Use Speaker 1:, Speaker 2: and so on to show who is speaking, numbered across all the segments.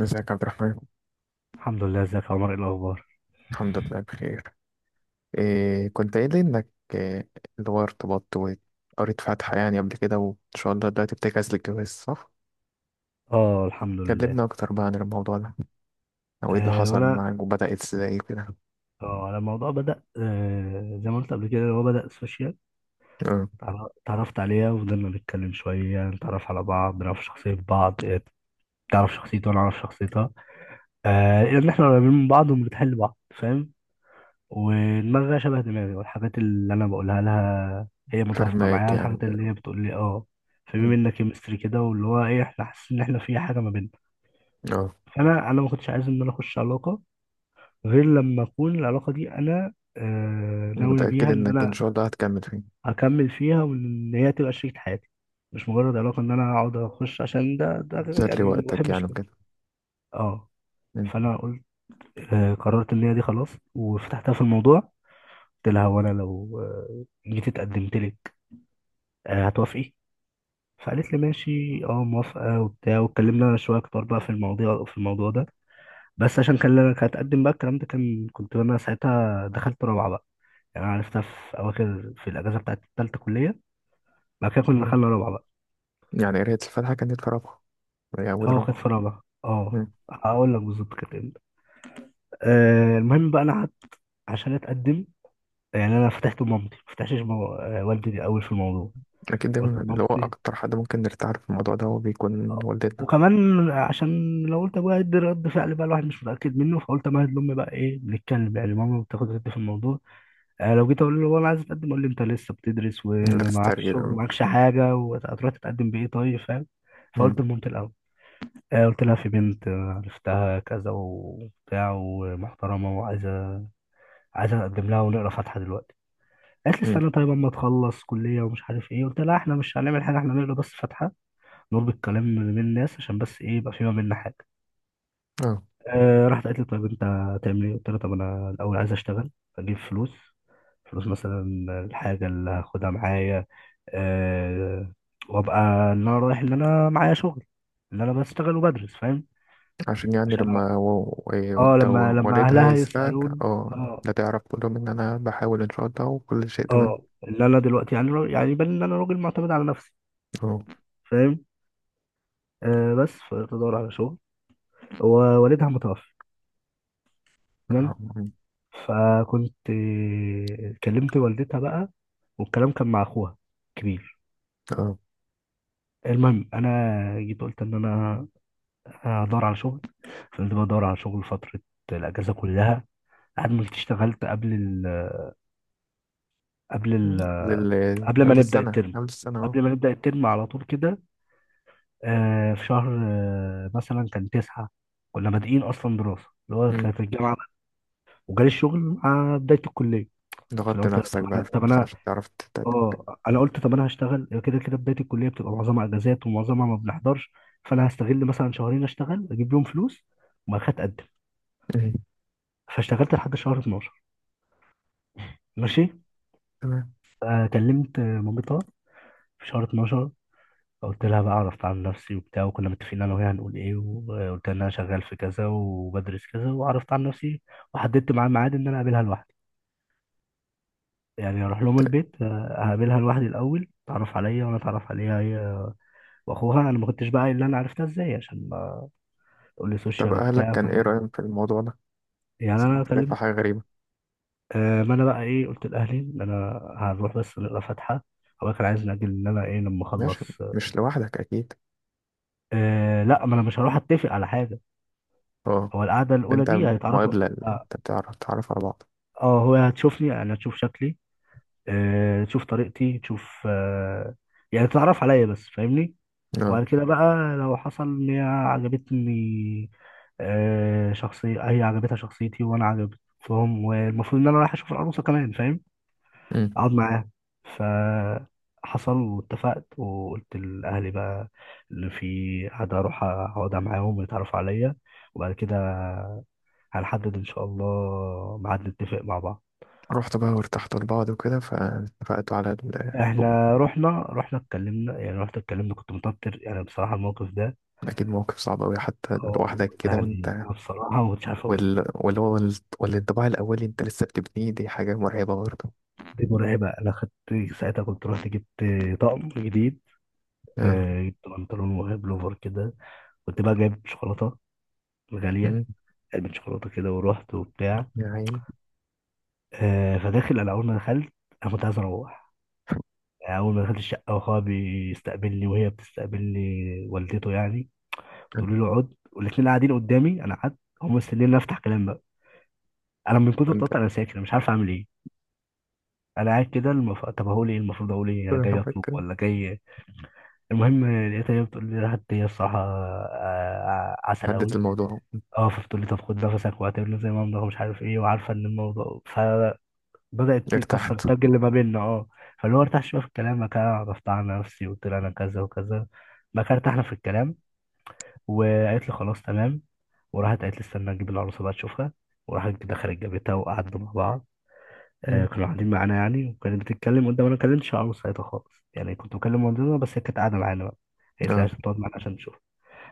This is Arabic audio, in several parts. Speaker 1: ازيك يا عبد الرحمن؟
Speaker 2: الحمد لله. ازيك يا عمر؟ ايه الاخبار؟
Speaker 1: الحمد لله بخير. إيه كنت قايل لي انك إيه اللي هو ارتبطت وقريت فاتحة يعني قبل كده وان شاء الله دلوقتي بتجهز للجواز صح؟
Speaker 2: اه الحمد لله.
Speaker 1: كلمنا اكتر بقى عن الموضوع ده، او ايه اللي
Speaker 2: آه
Speaker 1: حصل
Speaker 2: وانا
Speaker 1: معاك وبدأت ازاي كده؟
Speaker 2: اه على الموضوع، بدأ زي ما قلت قبل كده، هو بدأ سوشيال.
Speaker 1: اه،
Speaker 2: اتعرفت عليها وفضلنا نتكلم شويه، نتعرف على بعض، نعرف شخصيه بعض. تعرف شخصيتي وانا اعرف شخصيتها. ان احنا قريبين من بعض وبنتحل لبعض، فاهم، ودماغها شبه دماغي، والحاجات اللي انا بقولها لها هي متوافقه
Speaker 1: فاهمك
Speaker 2: معايا،
Speaker 1: يعني
Speaker 2: الحاجات اللي
Speaker 1: وكده.
Speaker 2: هي بتقول لي، فبما
Speaker 1: مم.
Speaker 2: بينا كيمستري كده، واللي هو ايه، احنا حاسين ان احنا في حاجه ما بيننا.
Speaker 1: اه،
Speaker 2: فانا ما كنتش عايز ان انا اخش علاقه غير لما اكون العلاقه دي انا ناوي
Speaker 1: متأكد
Speaker 2: بيها ان
Speaker 1: انك ان
Speaker 2: انا
Speaker 1: شاء الله هتكمل فيه؟
Speaker 2: اكمل فيها، وان هي تبقى شريكة حياتي، مش مجرد علاقه ان انا اقعد اخش، عشان ده
Speaker 1: تسلي
Speaker 2: يعني ما
Speaker 1: وقتك
Speaker 2: بحبش
Speaker 1: يعني
Speaker 2: كده.
Speaker 1: وكده؟
Speaker 2: اه
Speaker 1: مم.
Speaker 2: فانا قلت، قررت ان هي دي خلاص، وفتحتها في الموضوع. قلت لها: وانا لو جيت اتقدمت لك، هتوافقي؟ فقالت لي ماشي، اه موافقه وبتاع. واتكلمنا شويه اكتر بقى في المواضيع، في الموضوع ده. بس عشان كان لك هتقدم بقى، الكلام ده كان، كنت انا ساعتها دخلت رابعه بقى. يعني أنا عرفتها في أواخر، في الأجازة بتاعت التالتة كلية، بعد كده كنا
Speaker 1: اه.
Speaker 2: دخلنا رابعة بقى.
Speaker 1: يعني قراية الفاتحة كانت في رابعة، هي أول
Speaker 2: أه كانت
Speaker 1: رابعة؟
Speaker 2: في رابعة أه.
Speaker 1: مم.
Speaker 2: هقول لك بالظبط كانت إمتى. المهم بقى، أنا قعدت عشان أتقدم. يعني أنا فتحت لمامتي، ما فتحتش مو... آه، والدي أوي في الموضوع.
Speaker 1: أكيد
Speaker 2: قلت
Speaker 1: دايما اللي هو
Speaker 2: لمامتي
Speaker 1: أكتر حد ممكن نرتاح له في الموضوع ده هو بيكون
Speaker 2: آه،
Speaker 1: والدتنا.
Speaker 2: وكمان عشان لو قلت أبويا هيدي رد فعل بقى الواحد مش متأكد منه، فقلت أمهد لأمي بقى إيه بنتكلم، يعني ماما بتاخد رد في الموضوع. لو جيت أقول له أنا عايز أتقدم، أقول لي أنت لسه بتدرس
Speaker 1: اللي
Speaker 2: ومعكش شغل
Speaker 1: بتسترجل.
Speaker 2: ومعكش حاجة، وهتروح تتقدم بإيه؟ طيب، فاهم. فقلت
Speaker 1: مم.
Speaker 2: لمامتي الأول. قلت لها في بنت، عرفتها كذا وبتاع، ومحترمة، وعايزة أقدم لها، ونقرا فاتحة دلوقتي. قالت لي
Speaker 1: مم.
Speaker 2: استنى طيب أما تخلص كلية ومش عارف إيه. قلت لها إحنا مش هنعمل حاجة، إحنا نقرا بس فاتحة، نربط كلام من الناس عشان بس إيه يبقى في ما بيننا حاجة.
Speaker 1: اه.
Speaker 2: راحت قالت لي طيب أنت هتعمل إيه؟ قلت لها طب أنا الأول عايز أشتغل، أجيب فلوس، فلوس مثلا الحاجة اللي هاخدها معايا، آه وأبقى إن أنا رايح إن أنا معايا شغل، إن أنا بشتغل وبدرس، فاهم،
Speaker 1: عشان يعني
Speaker 2: عشان
Speaker 1: لما
Speaker 2: اه
Speaker 1: ده
Speaker 2: لما لما
Speaker 1: والدها
Speaker 2: اهلها
Speaker 1: يسألك،
Speaker 2: يسالون، اه
Speaker 1: لا تعرف تقول لهم ان انا بحاول ان شاء الله وكل شيء تمام.
Speaker 2: اه ان انا دلوقتي يعني يعني يبان ان انا راجل معتمد على نفسي،
Speaker 1: اه.
Speaker 2: فاهم. آه بس فتدور على شغل، ووالدها متوفي، تمام. فكنت كلمت والدتها بقى، والكلام كان مع اخوها كبير
Speaker 1: اه
Speaker 2: المهم انا جيت قلت ان انا هدور على شغل، فضلت بدور على شغل فتره، الاجازه كلها. عملت اشتغلت قبل ال قبل ما
Speaker 1: قبل
Speaker 2: نبدا
Speaker 1: السنة
Speaker 2: الترم،
Speaker 1: اه.
Speaker 2: قبل ما نبدا الترم على طول كده. في شهر مثلا كان تسعة، كنا بادئين أصلا دراسة اللي هو
Speaker 1: مم.
Speaker 2: كانت الجامعة، وجالي الشغل مع بداية الكلية. فأنا
Speaker 1: ضغطت
Speaker 2: قلت طب
Speaker 1: نفسك
Speaker 2: أنا
Speaker 1: بقى
Speaker 2: طب
Speaker 1: بس
Speaker 2: أنا
Speaker 1: عشان تعرف تتقدم.
Speaker 2: أه أنا قلت طب أنا هشتغل، كده كده بداية الكلية بتبقى معظمها أجازات ومعظمها ما بنحضرش. فأنا هستغل مثلا شهرين، أشتغل أجيب لهم فلوس، وبعد كده أتقدم.
Speaker 1: مم.
Speaker 2: فاشتغلت لحد شهر 12، ماشي.
Speaker 1: تمام.
Speaker 2: كلمت مامتها في شهر 12، فقلت لها بقى، عرفت عن نفسي وبتاع، وكنا متفقين انا وهي هنقول ايه، وقلت لها ان انا شغال في كذا وبدرس كذا، وعرفت عن نفسي، وحددت معاها ميعاد ان انا اقابلها لوحدي. يعني اروح لهم
Speaker 1: ت-
Speaker 2: البيت. اقابلها لوحدي الاول، تعرف عليا وانا اتعرف عليها هي واخوها. انا ما كنتش بقى قايل اللي انا عرفتها ازاي، عشان ما تقول لي
Speaker 1: طب
Speaker 2: سوشيال
Speaker 1: أهلك
Speaker 2: وبتاع،
Speaker 1: كان إيه رأيهم في الموضوع ده؟
Speaker 2: يعني
Speaker 1: صراحة
Speaker 2: انا
Speaker 1: شايفها
Speaker 2: كلمت،
Speaker 1: حاجة غريبة.
Speaker 2: ما انا بقى ايه، قلت لاهلي ان انا هنروح بس نقرا فاتحه. هو كان عايز نأجل ان انا ايه لما اخلص.
Speaker 1: ماشي. مش لوحدك أكيد؟
Speaker 2: لا، ما انا مش هروح اتفق على حاجه،
Speaker 1: اه.
Speaker 2: هو القعده الاولى
Speaker 1: أنت،
Speaker 2: دي هيتعرفوا.
Speaker 1: مقابلة اللي
Speaker 2: آه،
Speaker 1: أنت تعرف على بعض.
Speaker 2: اه هو هتشوفني، يعني هتشوف شكلي. تشوف طريقتي، تشوف يعني تتعرف عليا بس، فاهمني. وبعد كده بقى لو حصل ان هي عجبتني، شخصية، هي عجبتها شخصيتي وانا عجبتهم، والمفروض ان انا رايح اشوف العروسة كمان، فاهم،
Speaker 1: اه.
Speaker 2: اقعد معاها. فحصل واتفقت، وقلت لاهلي بقى اللي في حد اروح اقعد معاهم ويتعرفوا عليا، وبعد كده هنحدد ان شاء الله ميعاد، نتفق مع بعض.
Speaker 1: رحت بقى وارتحت لبعض وكده فاتفقتوا على الخطوبة؟
Speaker 2: احنا رحنا اتكلمنا، يعني رحت اتكلمنا، كنت متوتر يعني بصراحه الموقف ده.
Speaker 1: أكيد موقف صعب أوي حتى
Speaker 2: اه،
Speaker 1: لوحدك
Speaker 2: ده
Speaker 1: كده
Speaker 2: يعني
Speaker 1: وأنت
Speaker 2: انا بصراحه ما كنتش عارف اقول ايه.
Speaker 1: وال... واللي هو ال- والانطباع الأولي أنت لسه بتبنيه، دي حاجة مرعبة برضه.
Speaker 2: دي مرعبه. انا خدت ساعتها، كنت رحت جبت طقم جديد.
Speaker 1: آه.
Speaker 2: جبت بنطلون وبلوفر كده، كنت بقى جايب شوكولاته غاليه،
Speaker 1: أمم.
Speaker 2: علبه شوكولاته كده، ورحت وبتاع.
Speaker 1: يا عيني.
Speaker 2: فداخل، انا اول ما دخلت، انا كنت عايز اروح. يعني اول ما دخلت الشقه، واخويا بيستقبلني وهي بتستقبلني، والدته يعني
Speaker 1: آه.
Speaker 2: بتقول له اقعد، والاثنين قاعدين قدامي، انا قعدت. هم مستنيين إن أنا افتح كلام بقى. انا من كتر
Speaker 1: أنت
Speaker 2: التوتر انا ساكت، انا مش عارف اعمل ايه. انا قاعد كده، طب هقول ايه، المفروض اقول ايه، انا جاي اطلب
Speaker 1: بك-
Speaker 2: ولا جاي. المهم لقيتها هي بتقول لي، راحت هي الصراحه عسل
Speaker 1: هدت
Speaker 2: قوي.
Speaker 1: الموضوع؟
Speaker 2: اه فبتقول لي طب خد نفسك واعتبر زي ما امضى ومش عارف ايه، وعارفه ان الموضوع، فبدات تكسر
Speaker 1: ارتحت.
Speaker 2: التاج اللي ما بيننا. اه فاللي هو ارتاح شويه في الكلام، بعد كده عرفت على نفسي وقلت لها انا كذا وكذا، بقى كده ارتحنا في الكلام. وقالت لي خلاص تمام، وراحت قالت لي استنى اجيب العروسه بقى تشوفها، وراحت دخلت جابتها وقعدنا مع بعض.
Speaker 1: أمم.
Speaker 2: كانوا قاعدين معانا يعني، وكانت بتتكلم قدام، انا ما كلمتش عروس ساعتها خالص، يعني كنت بكلم مامتنا بس، هي كانت قاعده معانا بقى. هي قالت لي
Speaker 1: اه،
Speaker 2: عشان تقعد معانا عشان نشوف.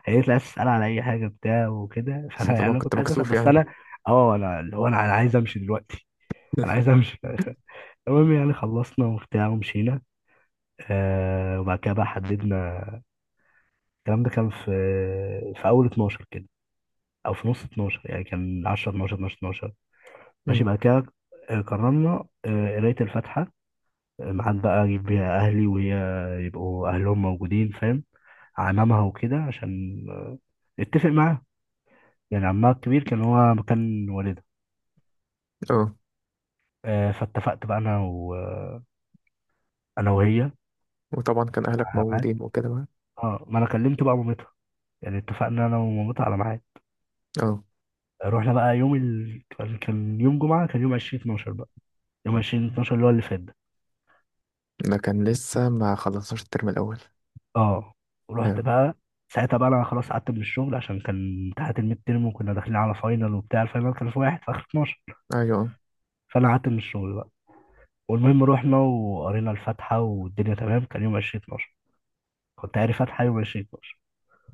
Speaker 2: قالت لي عايز تسال على اي حاجه بتاع وكده.
Speaker 1: بس
Speaker 2: فانا يعني
Speaker 1: طبعا
Speaker 2: انا
Speaker 1: كنت
Speaker 2: كنت عايز اسال
Speaker 1: مكسوف
Speaker 2: بس
Speaker 1: يعني.
Speaker 2: انا اه انا اللي هو انا عايز امشي دلوقتي. انا عايز امشي. المهم يعني خلصنا وبتاع ومشينا. وبعد كده بقى حددنا. الكلام ده كان في، في اول 12 كده، او في نص 12، يعني كان 10 12 12 12، ماشي.
Speaker 1: أمم.
Speaker 2: بعد كده قررنا قرايه الفاتحه، ميعاد بقى اجيب بيها اهلي وهي يبقوا اهلهم موجودين، فاهم، عمامها وكده، عشان اتفق معاه، يعني عمها الكبير كان هو مكان والدها.
Speaker 1: اه،
Speaker 2: فاتفقت بقى انا و... آه، انا وهي
Speaker 1: وطبعا كان أهلك
Speaker 2: على ميعاد.
Speaker 1: موجودين وكده بقى.
Speaker 2: اه، ما انا كلمت بقى مامتها، يعني اتفقنا انا ومامتها على ميعاد.
Speaker 1: اه.
Speaker 2: رحنا بقى كان، كان يوم جمعة، كان يوم 20 12 بقى. يوم 20 12 اللي هو اللي فات ده.
Speaker 1: ده كان لسه ما خلصناش الترم الأول.
Speaker 2: اه رحت
Speaker 1: اه.
Speaker 2: بقى، ساعتها بقى انا خلاص قعدت من الشغل، عشان كان امتحانات الميد تيرم، وكنا داخلين على فاينل وبتاع، الفاينل كان في واحد في اخر 12،
Speaker 1: أيوه.
Speaker 2: فانا قعدت من الشغل بقى. والمهم رحنا وقرينا الفاتحه والدنيا تمام، كان يوم 20 12، كنت قاري فاتحه يوم 20 12.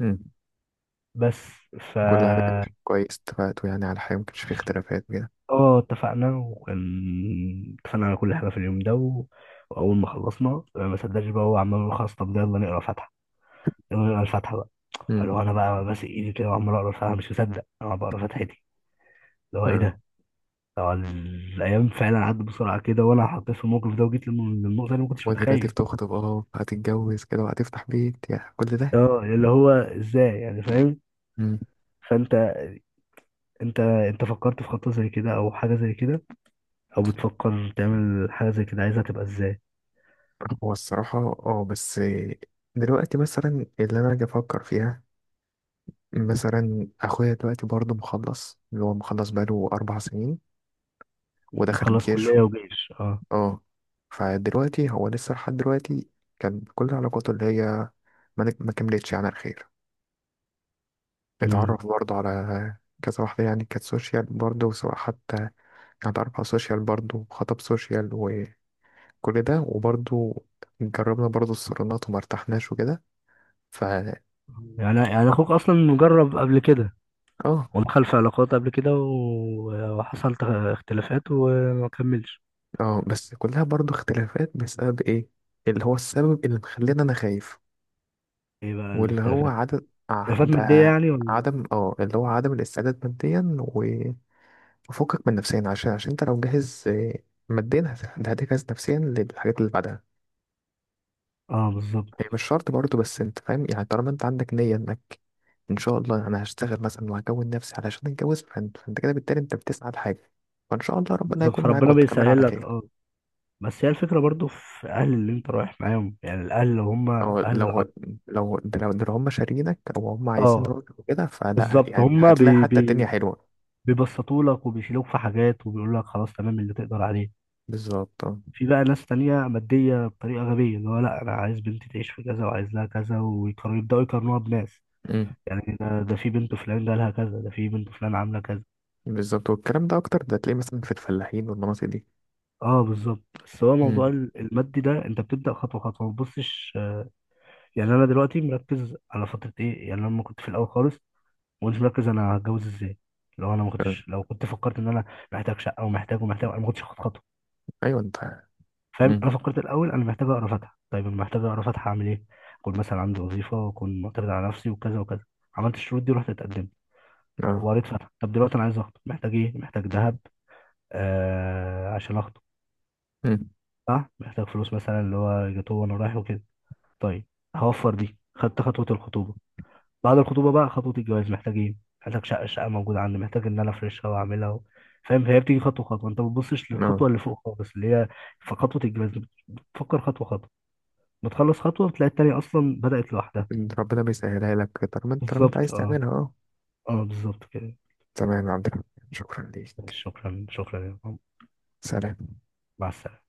Speaker 1: أمم.
Speaker 2: بس ف،
Speaker 1: كل حاجة. كويس اتفقتوا يعني على حاجة، مكانش فيه اختلافات كده؟
Speaker 2: اه اتفقنا، اتفقنا على كل حاجه في اليوم ده و... واول ما خلصنا ما صدقش بقى، هو عمال يقول خلاص طب يلا نقرا فاتحه، يلا نقرا الفاتحه بقى.
Speaker 1: امم.
Speaker 2: فاللي هو انا بقى ماسك ايدي كده وعمال اقرا الفاتحه، مش مصدق انا بقرا فاتحتي، اللي هو ايه
Speaker 1: اه.
Speaker 2: ده؟ هو الايام فعلا عدت بسرعه كده، وانا حطيت في الموقف ده، وجيت للنقطه اللي ما كنتش
Speaker 1: ودلوقتي
Speaker 2: متخيل.
Speaker 1: بتخطب، هتتجوز كده وهتفتح بيت يعني كل ده.
Speaker 2: اه اللي هو ازاي يعني، فاهم.
Speaker 1: امم.
Speaker 2: فانت انت انت فكرت في خطة زي كده او حاجة زي كده، او بتفكر تعمل حاجة زي كده، عايزها تبقى ازاي؟
Speaker 1: هو الصراحة اه، بس دلوقتي مثلا اللي أنا أجي أفكر فيها، مثلا أخويا دلوقتي برضه مخلص، اللي هو مخلص بقاله أربع سنين. ودخل
Speaker 2: مخلص
Speaker 1: الجيش
Speaker 2: كلية وجيش، اه.
Speaker 1: اه. فدلوقتي هو لسه لحد دلوقتي كان كل علاقاته اللي هي ما كملتش يعني على الخير.
Speaker 2: امم،
Speaker 1: اتعرف برضه على كذا واحدة، يعني كانت سوشيال برضه، سواء حتى كانت أربعة سوشيال برضه وخطب سوشيال وكل ده. وبرضه جربنا برضه الصالونات وما ارتحناش وكده. فا
Speaker 2: يعني اخوك اصلا مجرب قبل كده،
Speaker 1: اه.
Speaker 2: ودخل في علاقات قبل كده وحصل اختلافات وما كملش.
Speaker 1: اه، بس كلها برضه اختلافات بسبب ايه؟ اللي هو السبب اللي مخلينا انا خايف،
Speaker 2: ايه بقى
Speaker 1: واللي هو
Speaker 2: الاختلافات،
Speaker 1: عدم
Speaker 2: اختلافات
Speaker 1: ده
Speaker 2: مادية يعني ولا؟
Speaker 1: عدم اه اللي هو عدم الاستعداد ماديا وفكك من نفسيا. عشان انت لو جاهز ماديا هتجهز نفسيا للحاجات اللي بعدها.
Speaker 2: اه بالظبط.
Speaker 1: هي مش شرط برضه، بس انت فاهم يعني طالما انت عندك نية انك ان شاء الله انا هشتغل مثلا وهكون نفسي علشان اتجوز، فانت كده بالتالي انت بتسعى لحاجة، فان شاء الله ربنا
Speaker 2: بالظبط
Speaker 1: هيكون معاك
Speaker 2: فربنا
Speaker 1: وتكمل
Speaker 2: بيسهل
Speaker 1: على
Speaker 2: لك،
Speaker 1: خير.
Speaker 2: اه. بس هي الفكرة برضو في اهل اللي انت رايح معاهم، يعني الاهل اللي هم
Speaker 1: او
Speaker 2: اهل
Speaker 1: لو
Speaker 2: العط
Speaker 1: لو ده لو, ده لو هم شارينك او هم عايزين
Speaker 2: اه
Speaker 1: راجل وكده، فلا
Speaker 2: بالظبط.
Speaker 1: يعني
Speaker 2: هم
Speaker 1: هتلاقي حتى الدنيا حلوة.
Speaker 2: بيبسطوا لك وبيشيلوك في حاجات، وبيقول لك خلاص تمام اللي تقدر عليه.
Speaker 1: بالظبط اه.
Speaker 2: في بقى ناس تانية مادية بطريقة غبية، اللي هو لا أنا عايز بنتي تعيش في كذا، وعايز لها كذا، ويقارنوا، يبدأوا يقارنوها بناس.
Speaker 1: أمم.
Speaker 2: يعني ده في بنت فلان جالها كذا، ده في بنت فلان عاملة كذا.
Speaker 1: بالظبط، والكلام ده اكتر ده تلاقيه مثلا في الفلاحين والمناطق دي.
Speaker 2: اه بالظبط. بس هو موضوع
Speaker 1: أمم.
Speaker 2: المادي ده انت بتبدأ خطوة خطوة، ما تبصش. يعني انا دلوقتي مركز على فترة ايه، يعني أنا لما كنت في الاول خالص، ما كنتش مركز انا هتجوز ازاي. لو انا ما
Speaker 1: آه.
Speaker 2: كنتش لو كنت فكرت ان انا محتاج شقة ومحتاج ومحتاج، انا ما كنتش هاخد خطوة،
Speaker 1: ايوه انت.
Speaker 2: فاهم.
Speaker 1: أمم.
Speaker 2: انا فكرت الاول انا محتاج اقرا فاتحه، طيب انا محتاج اقرا فاتحه اعمل ايه، اكون مثلا عندي وظيفه، واكون معتمد على نفسي، وكذا وكذا. عملت الشروط دي ورحت اتقدمت
Speaker 1: اه.
Speaker 2: وقريت فاتحه. طب دلوقتي انا عايز اخطب، محتاج ايه، محتاج ذهب عشان اخطب،
Speaker 1: أمم.
Speaker 2: صح، محتاج فلوس مثلا، اللي هو جاتوه وانا رايح وكده، طيب هوفر دي. خدت خطوه الخطوبه، بعد الخطوبه بقى خطوه الجواز، محتاج ايه، محتاج شقه، الشقه موجوده عندي، محتاج ان انا افرشها واعملها فاهم. فهي بتيجي خطوه خطوه، انت ما بتبصش
Speaker 1: اه،
Speaker 2: للخطوه اللي فوق خالص، اللي هي في خطوه الجواز، بتفكر خطوه خطوه، بتخلص خطوة بتلاقي التانية أصلا بدأت لوحدها.
Speaker 1: ربنا بيسهلها لك طالما انت
Speaker 2: بالظبط،
Speaker 1: عايز
Speaker 2: اه.
Speaker 1: تعملها. اه.
Speaker 2: اه بالظبط كده.
Speaker 1: تمام يا عبد الرحمن، شكرا ليك.
Speaker 2: شكرا، شكرا يا محمد.
Speaker 1: سلام.
Speaker 2: مع السلامة.